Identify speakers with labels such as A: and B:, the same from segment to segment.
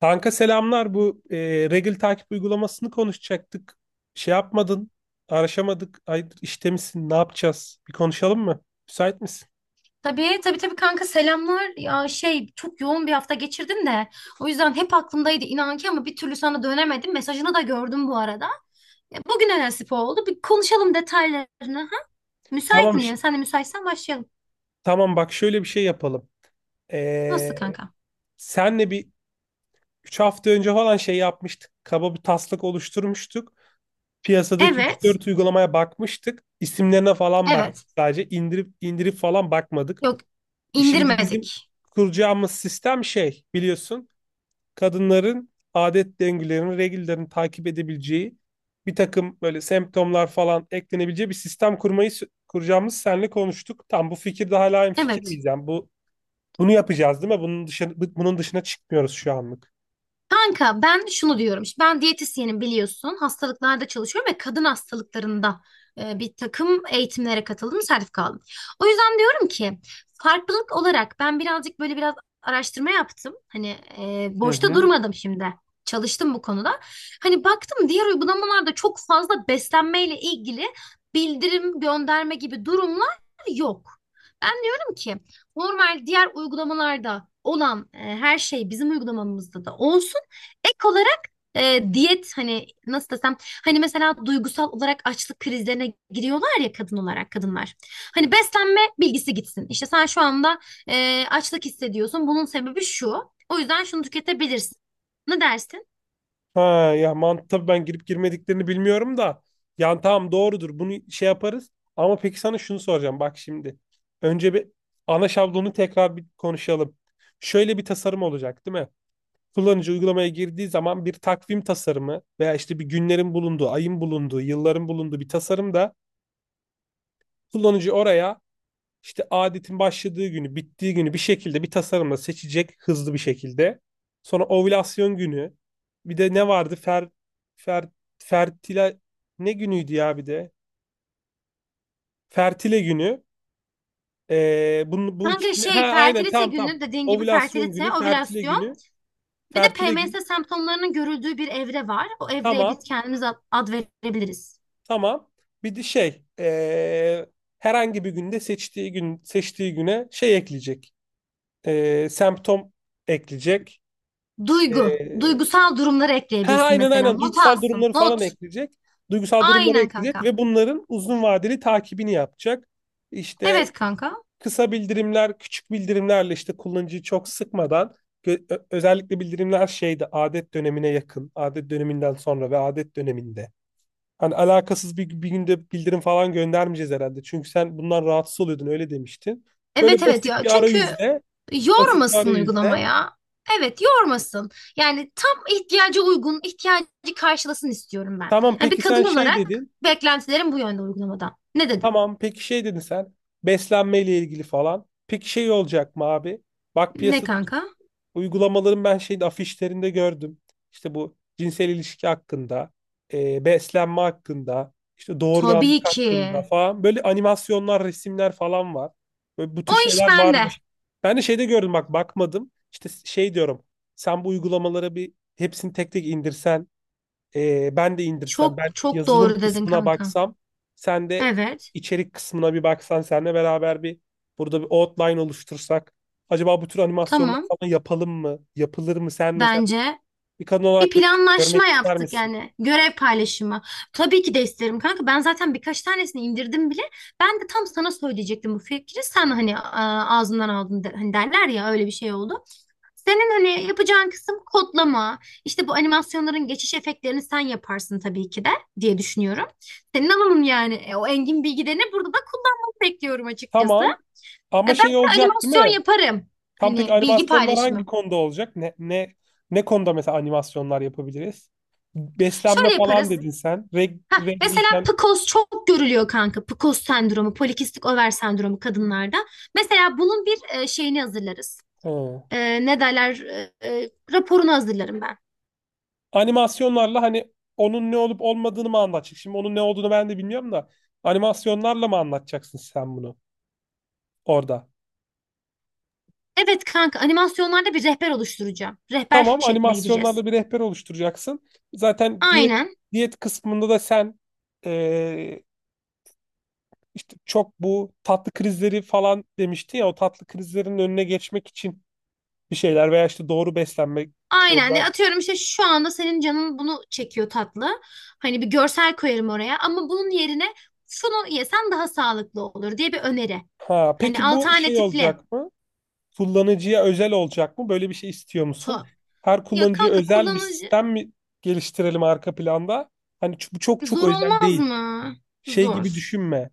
A: Kanka selamlar. Bu regl takip uygulamasını konuşacaktık. Şey yapmadın, araşamadık. Hayırdır işte misin? Ne yapacağız? Bir konuşalım mı? Müsait misin?
B: Tabii tabii tabii kanka, selamlar. Ya şey çok yoğun bir hafta geçirdim de o yüzden hep aklımdaydı inan ki ama bir türlü sana dönemedim. Mesajını da gördüm bu arada. Ya, bugüne nasip oldu. Bir konuşalım detaylarını. Ha?
A: Tamam.
B: Müsaitim yani. Sen de müsaitsen başlayalım.
A: Tamam bak şöyle bir şey yapalım.
B: Nasıl
A: E,
B: kanka?
A: Senle bir 3 hafta önce falan şey yapmıştık. Kaba bir taslak oluşturmuştuk. Piyasadaki üç
B: Evet.
A: dört uygulamaya bakmıştık. İsimlerine falan baktık.
B: Evet.
A: Sadece indirip indirip falan bakmadık.
B: Yok,
A: Şimdi bizim
B: indirmedik.
A: kuracağımız sistem şey biliyorsun, kadınların adet döngülerini, regülerini takip edebileceği bir takım böyle semptomlar falan eklenebileceği bir sistem kuracağımız senle konuştuk. Tam bu fikirde hala aynı fikir
B: Evet.
A: miyiz? Yani bunu yapacağız değil mi? Bunun dışına, çıkmıyoruz şu anlık.
B: Kanka, ben şunu diyorum. Şimdi ben diyetisyenim, biliyorsun. Hastalıklarda çalışıyorum ve kadın hastalıklarında bir takım eğitimlere katıldım, sertifika aldım. O yüzden diyorum ki farklılık olarak ben birazcık böyle biraz araştırma yaptım. Hani
A: Hı
B: boşta
A: hı.
B: durmadım şimdi. Çalıştım bu konuda. Hani baktım, diğer uygulamalarda çok fazla beslenmeyle ilgili bildirim gönderme gibi durumlar yok. Ben diyorum ki normal diğer uygulamalarda olan her şey bizim uygulamamızda da olsun. Ek olarak diyet hani nasıl desem hani mesela duygusal olarak açlık krizlerine giriyorlar ya, kadın olarak kadınlar. Hani beslenme bilgisi gitsin. İşte sen şu anda açlık hissediyorsun. Bunun sebebi şu. O yüzden şunu tüketebilirsin. Ne dersin?
A: Ha ya mantı tabii ben girip girmediklerini bilmiyorum da. Yani tamam doğrudur bunu şey yaparız. Ama peki sana şunu soracağım bak şimdi. Önce bir ana şablonu tekrar bir konuşalım. Şöyle bir tasarım olacak değil mi? Kullanıcı uygulamaya girdiği zaman bir takvim tasarımı veya işte bir günlerin bulunduğu, ayın bulunduğu, yılların bulunduğu bir tasarım da kullanıcı oraya işte adetin başladığı günü, bittiği günü bir şekilde bir tasarımla seçecek hızlı bir şekilde. Sonra ovülasyon günü. Bir de ne vardı? Fer, fertile ne günüydü ya bir de? Fertile günü. Bunu, bu
B: Kanka
A: ikisini ha
B: şey
A: aynen
B: fertilite
A: tam tam.
B: günü dediğin gibi
A: Ovülasyon
B: fertilite,
A: günü, fertile
B: ovülasyon,
A: günü,
B: bir de
A: fertile gün.
B: PMS semptomlarının görüldüğü bir evre var. O evreye biz
A: Tamam.
B: kendimiz ad verebiliriz.
A: Tamam. Bir de şey herhangi bir günde seçtiği güne şey ekleyecek. Semptom ekleyecek.
B: Duygu,
A: Eee
B: duygusal durumları
A: ha
B: ekleyebilsin
A: aynen
B: mesela.
A: aynen
B: Not
A: duygusal
B: alsın,
A: durumları falan
B: not.
A: ekleyecek. Duygusal durumları
B: Aynen
A: ekleyecek
B: kanka.
A: ve bunların uzun vadeli takibini yapacak. İşte
B: Evet kanka.
A: kısa bildirimler, küçük bildirimlerle işte kullanıcıyı çok sıkmadan özellikle bildirimler şeyde adet dönemine yakın, adet döneminden sonra ve adet döneminde. Hani alakasız bir günde bildirim falan göndermeyeceğiz herhalde. Çünkü sen bundan rahatsız oluyordun öyle demiştin.
B: Evet
A: Böyle
B: evet
A: basit
B: ya.
A: bir
B: Çünkü
A: arayüzle, basit bir
B: yormasın
A: arayüzle.
B: uygulamaya. Evet, yormasın. Yani tam ihtiyaca uygun, ihtiyacı karşılasın istiyorum ben.
A: Tamam
B: Yani bir
A: peki
B: kadın
A: sen şey
B: olarak
A: dedin.
B: beklentilerim bu yönde uygulamadan. Ne dedim?
A: Tamam peki şey dedin sen. Beslenmeyle ilgili falan. Peki şey olacak mı abi? Bak
B: Ne
A: piyasada
B: kanka?
A: uygulamaların ben şeyde afişlerinde gördüm. İşte bu cinsel ilişki hakkında, beslenme hakkında, işte
B: Tabii
A: doğurganlık
B: ki.
A: hakkında falan. Böyle animasyonlar, resimler falan var. Böyle bu
B: O
A: tür
B: iş
A: şeyler
B: bende.
A: varmış. Ben de şeyde gördüm bak bakmadım. İşte şey diyorum. Sen bu uygulamalara bir hepsini tek tek indirsen ben de indirsem, ben
B: Çok çok
A: yazılım
B: doğru dedin
A: kısmına
B: kanka.
A: baksam, sen de
B: Evet.
A: içerik kısmına bir baksan, seninle beraber bir burada bir outline oluştursak. Acaba bu tür animasyonlar
B: Tamam.
A: falan yapalım mı? Yapılır mı? Sen mesela
B: Bence
A: bir kadın
B: bir
A: olarak böyle bir şey
B: planlaşma
A: görmek ister
B: yaptık
A: misin?
B: yani, görev paylaşımı. Tabii ki de isterim kanka. Ben zaten birkaç tanesini indirdim bile. Ben de tam sana söyleyecektim bu fikri. Sen hani ağzından aldın de- hani derler ya, öyle bir şey oldu. Senin hani yapacağın kısım kodlama. İşte bu animasyonların geçiş efektlerini sen yaparsın tabii ki de diye düşünüyorum. Senin alanın yani. O engin bilgilerini burada da kullanmanı bekliyorum açıkçası.
A: Tamam. Ama
B: Ben
A: şey
B: de
A: olacak değil
B: animasyon
A: mi?
B: yaparım.
A: Tam pek
B: Hani bilgi
A: animasyonlar hangi
B: paylaşımı.
A: konuda olacak? Ne konuda mesela animasyonlar yapabiliriz? Beslenme
B: Şöyle
A: falan
B: yaparız.
A: dedin sen.
B: Ha, mesela
A: Regliyken.
B: PCOS çok görülüyor kanka. PCOS sendromu, polikistik over sendromu kadınlarda. Mesela bunun bir şeyini hazırlarız.
A: Ha.
B: Ne derler? Raporunu hazırlarım ben.
A: Animasyonlarla hani onun ne olup olmadığını mı anlatacak? Şimdi onun ne olduğunu ben de bilmiyorum da animasyonlarla mı anlatacaksın sen bunu orada?
B: Evet kanka, animasyonlarda bir rehber oluşturacağım. Rehber
A: Tamam,
B: şekline gideceğiz.
A: animasyonlarla bir rehber oluşturacaksın. Zaten diyet
B: Aynen.
A: diyet kısmında da sen eee, işte çok bu tatlı krizleri falan demişti ya, o tatlı krizlerin önüne geçmek için bir şeyler veya işte doğru beslenmek
B: Aynen.
A: orada.
B: Atıyorum, işte şu anda senin canın bunu çekiyor tatlı. Hani bir görsel koyarım oraya ama bunun yerine şunu yesen daha sağlıklı olur diye bir öneri.
A: Ha,
B: Hani
A: peki bu şey
B: alternatifli.
A: olacak mı? Kullanıcıya özel olacak mı? Böyle bir şey istiyor musun?
B: To.
A: Her
B: Ya
A: kullanıcıya
B: kanka,
A: özel bir
B: kullanıcı
A: sistem mi geliştirelim arka planda? Hani bu çok çok
B: zor
A: özel
B: olmaz
A: değil.
B: mı?
A: Şey gibi
B: Zor.
A: düşünme,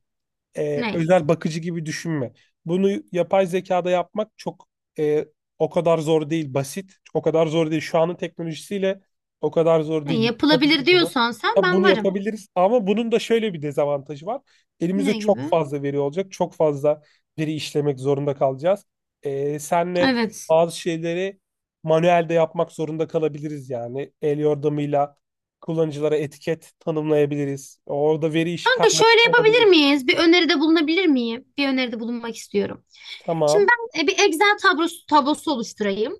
B: Ne?
A: özel bakıcı gibi düşünme. Bunu yapay zekada yapmak çok e, o kadar zor değil, basit. O kadar zor değil. Şu anın teknolojisiyle o kadar zor
B: Ne
A: değil.
B: yapılabilir
A: Yapabilir bunu.
B: diyorsan sen,
A: Ya
B: ben
A: bunu
B: varım.
A: yapabiliriz ama bunun da şöyle bir dezavantajı var. Elimizde
B: Ne
A: çok
B: gibi?
A: fazla veri olacak. Çok fazla veri işlemek zorunda kalacağız. Senle
B: Evet.
A: bazı şeyleri manuelde yapmak zorunda kalabiliriz yani. El yordamıyla kullanıcılara etiket tanımlayabiliriz. Orada veri işi
B: Kanka
A: karmaşık
B: şöyle yapabilir
A: olabilir.
B: miyiz? Bir öneride bulunabilir miyim? Bir öneride bulunmak istiyorum. Şimdi
A: Tamam.
B: ben bir Excel tablosu oluşturayım.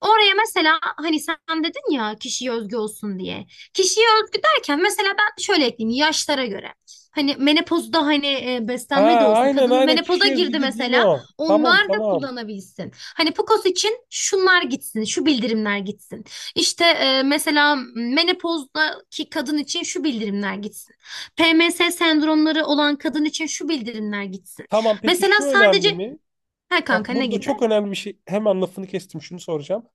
B: Oraya mesela hani sen dedin ya kişiye özgü olsun diye. Kişiye özgü derken mesela ben şöyle ekleyeyim yaşlara göre. Hani menopozda hani
A: Ha
B: beslenme de olsun.
A: aynen
B: Kadın
A: aynen
B: menopoza
A: kişi özgü
B: girdi
A: dediğin
B: mesela.
A: o. Tamam
B: Onlar da
A: tamam.
B: kullanabilsin. Hani PCOS için şunlar gitsin, şu bildirimler gitsin. İşte mesela menopozdaki kadın için şu bildirimler gitsin. PMS sendromları olan kadın için şu bildirimler gitsin.
A: Tamam peki
B: Mesela
A: şu önemli
B: sadece
A: mi?
B: her kanka
A: Bak
B: ne
A: burada
B: gibi?
A: çok önemli bir şey. Hemen lafını kestim şunu soracağım.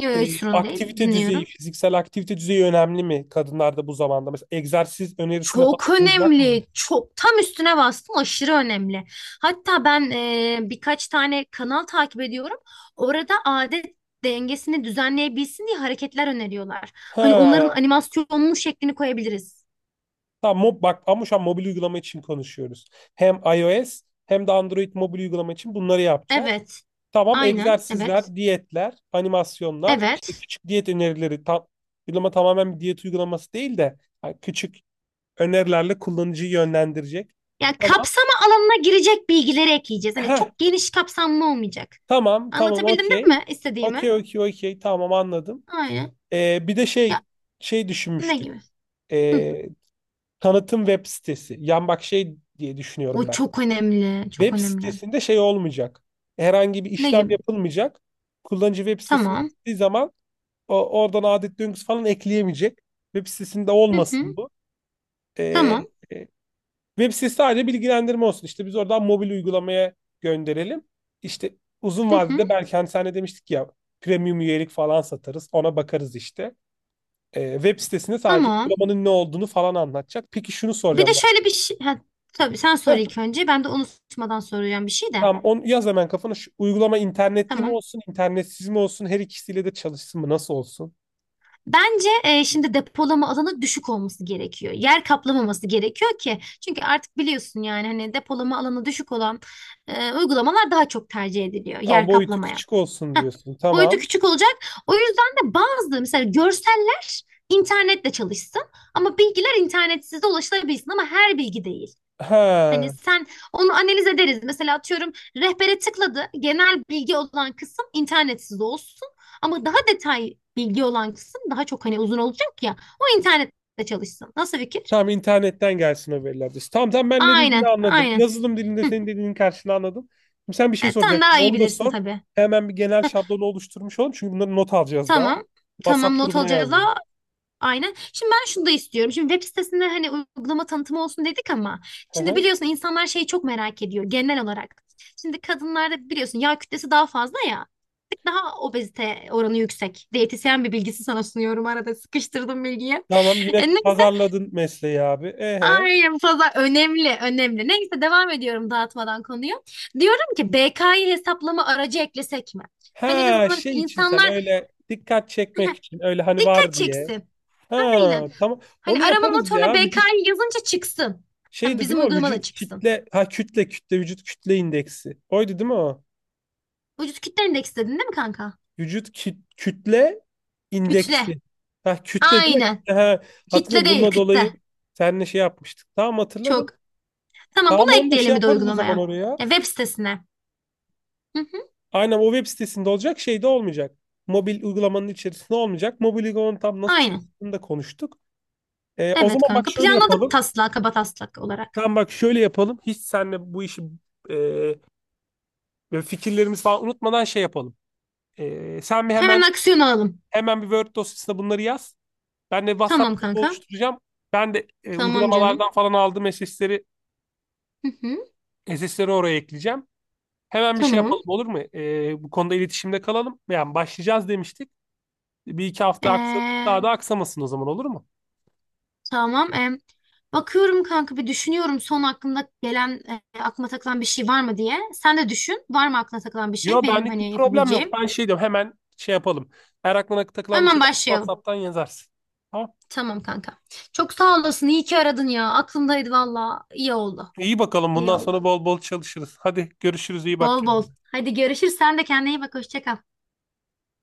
B: Yok yok, hiç sorun değil.
A: Aktivite düzeyi,
B: Dinliyorum.
A: fiziksel aktivite düzeyi önemli mi kadınlarda bu zamanda? Mesela egzersiz önerisinde falan
B: Çok
A: bulunacak mıyız?
B: önemli. Çok, tam üstüne bastım. Aşırı önemli. Hatta ben birkaç tane kanal takip ediyorum. Orada adet dengesini düzenleyebilsin diye hareketler öneriyorlar. Hani onların
A: Ha,
B: animasyonlu şeklini koyabiliriz.
A: tamam bak ama şu an mobil uygulama için konuşuyoruz. Hem iOS hem de Android mobil uygulama için bunları yapacağız.
B: Evet.
A: Tamam
B: Aynen. Evet.
A: egzersizler, diyetler, animasyonlar, işte
B: Evet.
A: küçük diyet önerileri, tam uygulama tamamen bir diyet uygulaması değil de yani küçük önerilerle kullanıcıyı yönlendirecek.
B: Yani
A: Tamam.
B: kapsama alanına girecek bilgileri ekleyeceğiz. Hani
A: Heh,
B: çok geniş kapsamlı olmayacak.
A: tamam, tamam,
B: Anlatabildim değil
A: okey.
B: mi istediğimi?
A: Okey, okey, okey. Tamam anladım.
B: Aynen.
A: Bir de
B: Ya,
A: şey
B: ne
A: düşünmüştük.
B: gibi? Hı.
A: Ee, Tanıtım web sitesi. Yan bak şey diye
B: O
A: düşünüyorum ben.
B: çok önemli. Çok
A: Web
B: önemli.
A: sitesinde şey olmayacak. Herhangi bir
B: Ne
A: işlem
B: gibi?
A: yapılmayacak. Kullanıcı web sitesine
B: Tamam.
A: gittiği zaman oradan adet döngüsü falan ekleyemeyecek. Web sitesinde
B: Hı
A: olmasın
B: hı.
A: bu. Ee,
B: Tamam.
A: e, web sitesi sadece bilgilendirme olsun. İşte biz oradan mobil uygulamaya gönderelim. İşte uzun
B: Hı hı.
A: vadede belki hani sen de demiştik ya, premium üyelik falan satarız. Ona bakarız işte. Web sitesinde sadece
B: Tamam.
A: uygulamanın ne olduğunu falan anlatacak. Peki şunu
B: Bir de
A: soracağım bak.
B: şöyle bir şey. Ha, tabii sen sor
A: Heh,
B: ilk önce. Ben de unutmadan soracağım bir şey de.
A: tamam onu yaz hemen kafana. Şu uygulama internetli mi
B: Tamam.
A: olsun, internetsiz mi olsun? Her ikisiyle de çalışsın mı? Nasıl olsun?
B: Bence şimdi depolama alanı düşük olması gerekiyor. Yer kaplamaması gerekiyor ki. Çünkü artık biliyorsun yani, hani depolama alanı düşük olan uygulamalar daha çok tercih ediliyor.
A: Tamam
B: Yer
A: boyutu
B: kaplamayan.
A: küçük olsun
B: Heh,
A: diyorsun.
B: boyutu
A: Tamam.
B: küçük olacak. O yüzden de bazı mesela görseller internetle çalışsın ama bilgiler internetsiz de ulaşılabilsin, ama her bilgi değil. Hani
A: Ha.
B: sen onu analiz ederiz. Mesela atıyorum, rehbere tıkladı. Genel bilgi olan kısım internetsiz olsun. Ama daha detay bilgi olan kısım daha çok hani uzun olacak ya. O internette çalışsın. Nasıl fikir?
A: Tamam internetten gelsin haberler diyorsun. Tamam tamam ben ne dediğini
B: Aynen,
A: anladım.
B: aynen.
A: Yazılım dilinde
B: Hı.
A: senin dediğinin karşılığını anladım. Şimdi sen bir şey
B: Sen
A: soracaktın.
B: daha iyi
A: Onu da
B: bilirsin
A: sor.
B: tabii.
A: Hemen bir genel şablonu oluşturmuş olalım. Çünkü bunları not alacağız daha.
B: Tamam. Tamam,
A: WhatsApp
B: not
A: grubuna
B: alacağız ha.
A: yazacağız.
B: Aynen. Şimdi ben şunu da istiyorum. Şimdi web sitesinde hani uygulama tanıtımı olsun dedik ama
A: Hı
B: şimdi
A: hı.
B: biliyorsun insanlar şeyi çok merak ediyor genel olarak. Şimdi kadınlarda biliyorsun yağ kütlesi daha fazla ya, daha obezite oranı yüksek. Diyetisyen bir bilgisi sana sunuyorum, arada sıkıştırdım bilgiyi.
A: Tamam yine
B: Neyse,
A: pazarladın mesleği abi. Ehe.
B: ay bu fazla önemli önemli. Neyse devam ediyorum dağıtmadan konuyu. Diyorum ki BK'yı hesaplama aracı eklesek mi? Hani en
A: Ha
B: azından
A: şey için sen
B: insanlar
A: öyle dikkat çekmek için öyle hani
B: dikkat
A: var diye.
B: çeksin. Aynen.
A: Ha tamam.
B: Hani
A: Onu
B: arama
A: yaparız
B: motoruna
A: ya. Vücut
B: BK'yı yazınca çıksın. Hani
A: şeydi
B: bizim
A: değil mi o?
B: uygulama da
A: Vücut
B: çıksın.
A: kütle ha kütle kütle vücut kütle indeksi. Oydu değil mi o?
B: Vücut kitle endeksi dedin değil mi kanka?
A: Vücut kütle
B: Kütle.
A: indeksi. Ha, kütle değil mi?
B: Aynen.
A: Kütle, ha,
B: Kitle
A: hatırlıyorum.
B: değil,
A: Bununla dolayı
B: kütle.
A: seninle şey yapmıştık. Tamam
B: Çok.
A: hatırladım.
B: Tamam, bunu
A: Tamam onu da şey
B: ekleyelim bir de
A: yaparız o zaman
B: uygulamaya.
A: oraya.
B: Ya, web sitesine. Hı hı,
A: Aynen o web sitesinde olacak, şey de olmayacak. Mobil uygulamanın içerisinde olmayacak. Mobil uygulamanın tam nasıl
B: aynen.
A: çalıştığını da konuştuk. O
B: Evet
A: zaman bak
B: kanka.
A: şöyle
B: Planladık
A: yapalım.
B: taslak, kaba taslak olarak.
A: Tamam bak şöyle yapalım. Hiç seninle bu işi e, böyle fikirlerimizi falan unutmadan şey yapalım. Sen bir
B: Hemen
A: hemen
B: aksiyon alalım.
A: hemen bir Word dosyasına bunları yaz. Ben de
B: Tamam
A: WhatsApp grubu
B: kanka.
A: oluşturacağım. Ben de
B: Tamam canım.
A: uygulamalardan falan aldığım
B: Hı hı,
A: SS'leri oraya ekleyeceğim. Hemen bir şey
B: tamam.
A: yapalım olur mu? Bu konuda iletişimde kalalım. Yani başlayacağız demiştik. Bir iki hafta aksadı.
B: Ee,
A: Daha da aksamasın o zaman olur mu?
B: tamam. Bakıyorum kanka, bir düşünüyorum son aklımda gelen, aklıma takılan bir şey var mı diye. Sen de düşün. Var mı aklına takılan bir şey?
A: Yo
B: Benim
A: benlik bir
B: hani
A: problem yok.
B: yapabileceğim.
A: Ben şey diyorum hemen şey yapalım. Eğer aklına takılan bir
B: Hemen
A: şey varsa
B: başlayalım.
A: WhatsApp'tan yazarsın. Tamam.
B: Tamam kanka. Çok sağ olasın. İyi ki aradın ya. Aklımdaydı valla. İyi oldu.
A: İyi bakalım
B: İyi
A: bundan
B: oldu.
A: sonra bol bol çalışırız. Hadi görüşürüz, iyi bak
B: Bol bol.
A: kendine.
B: Hadi görüşürüz. Sen de kendine iyi bak. Hoşça kal.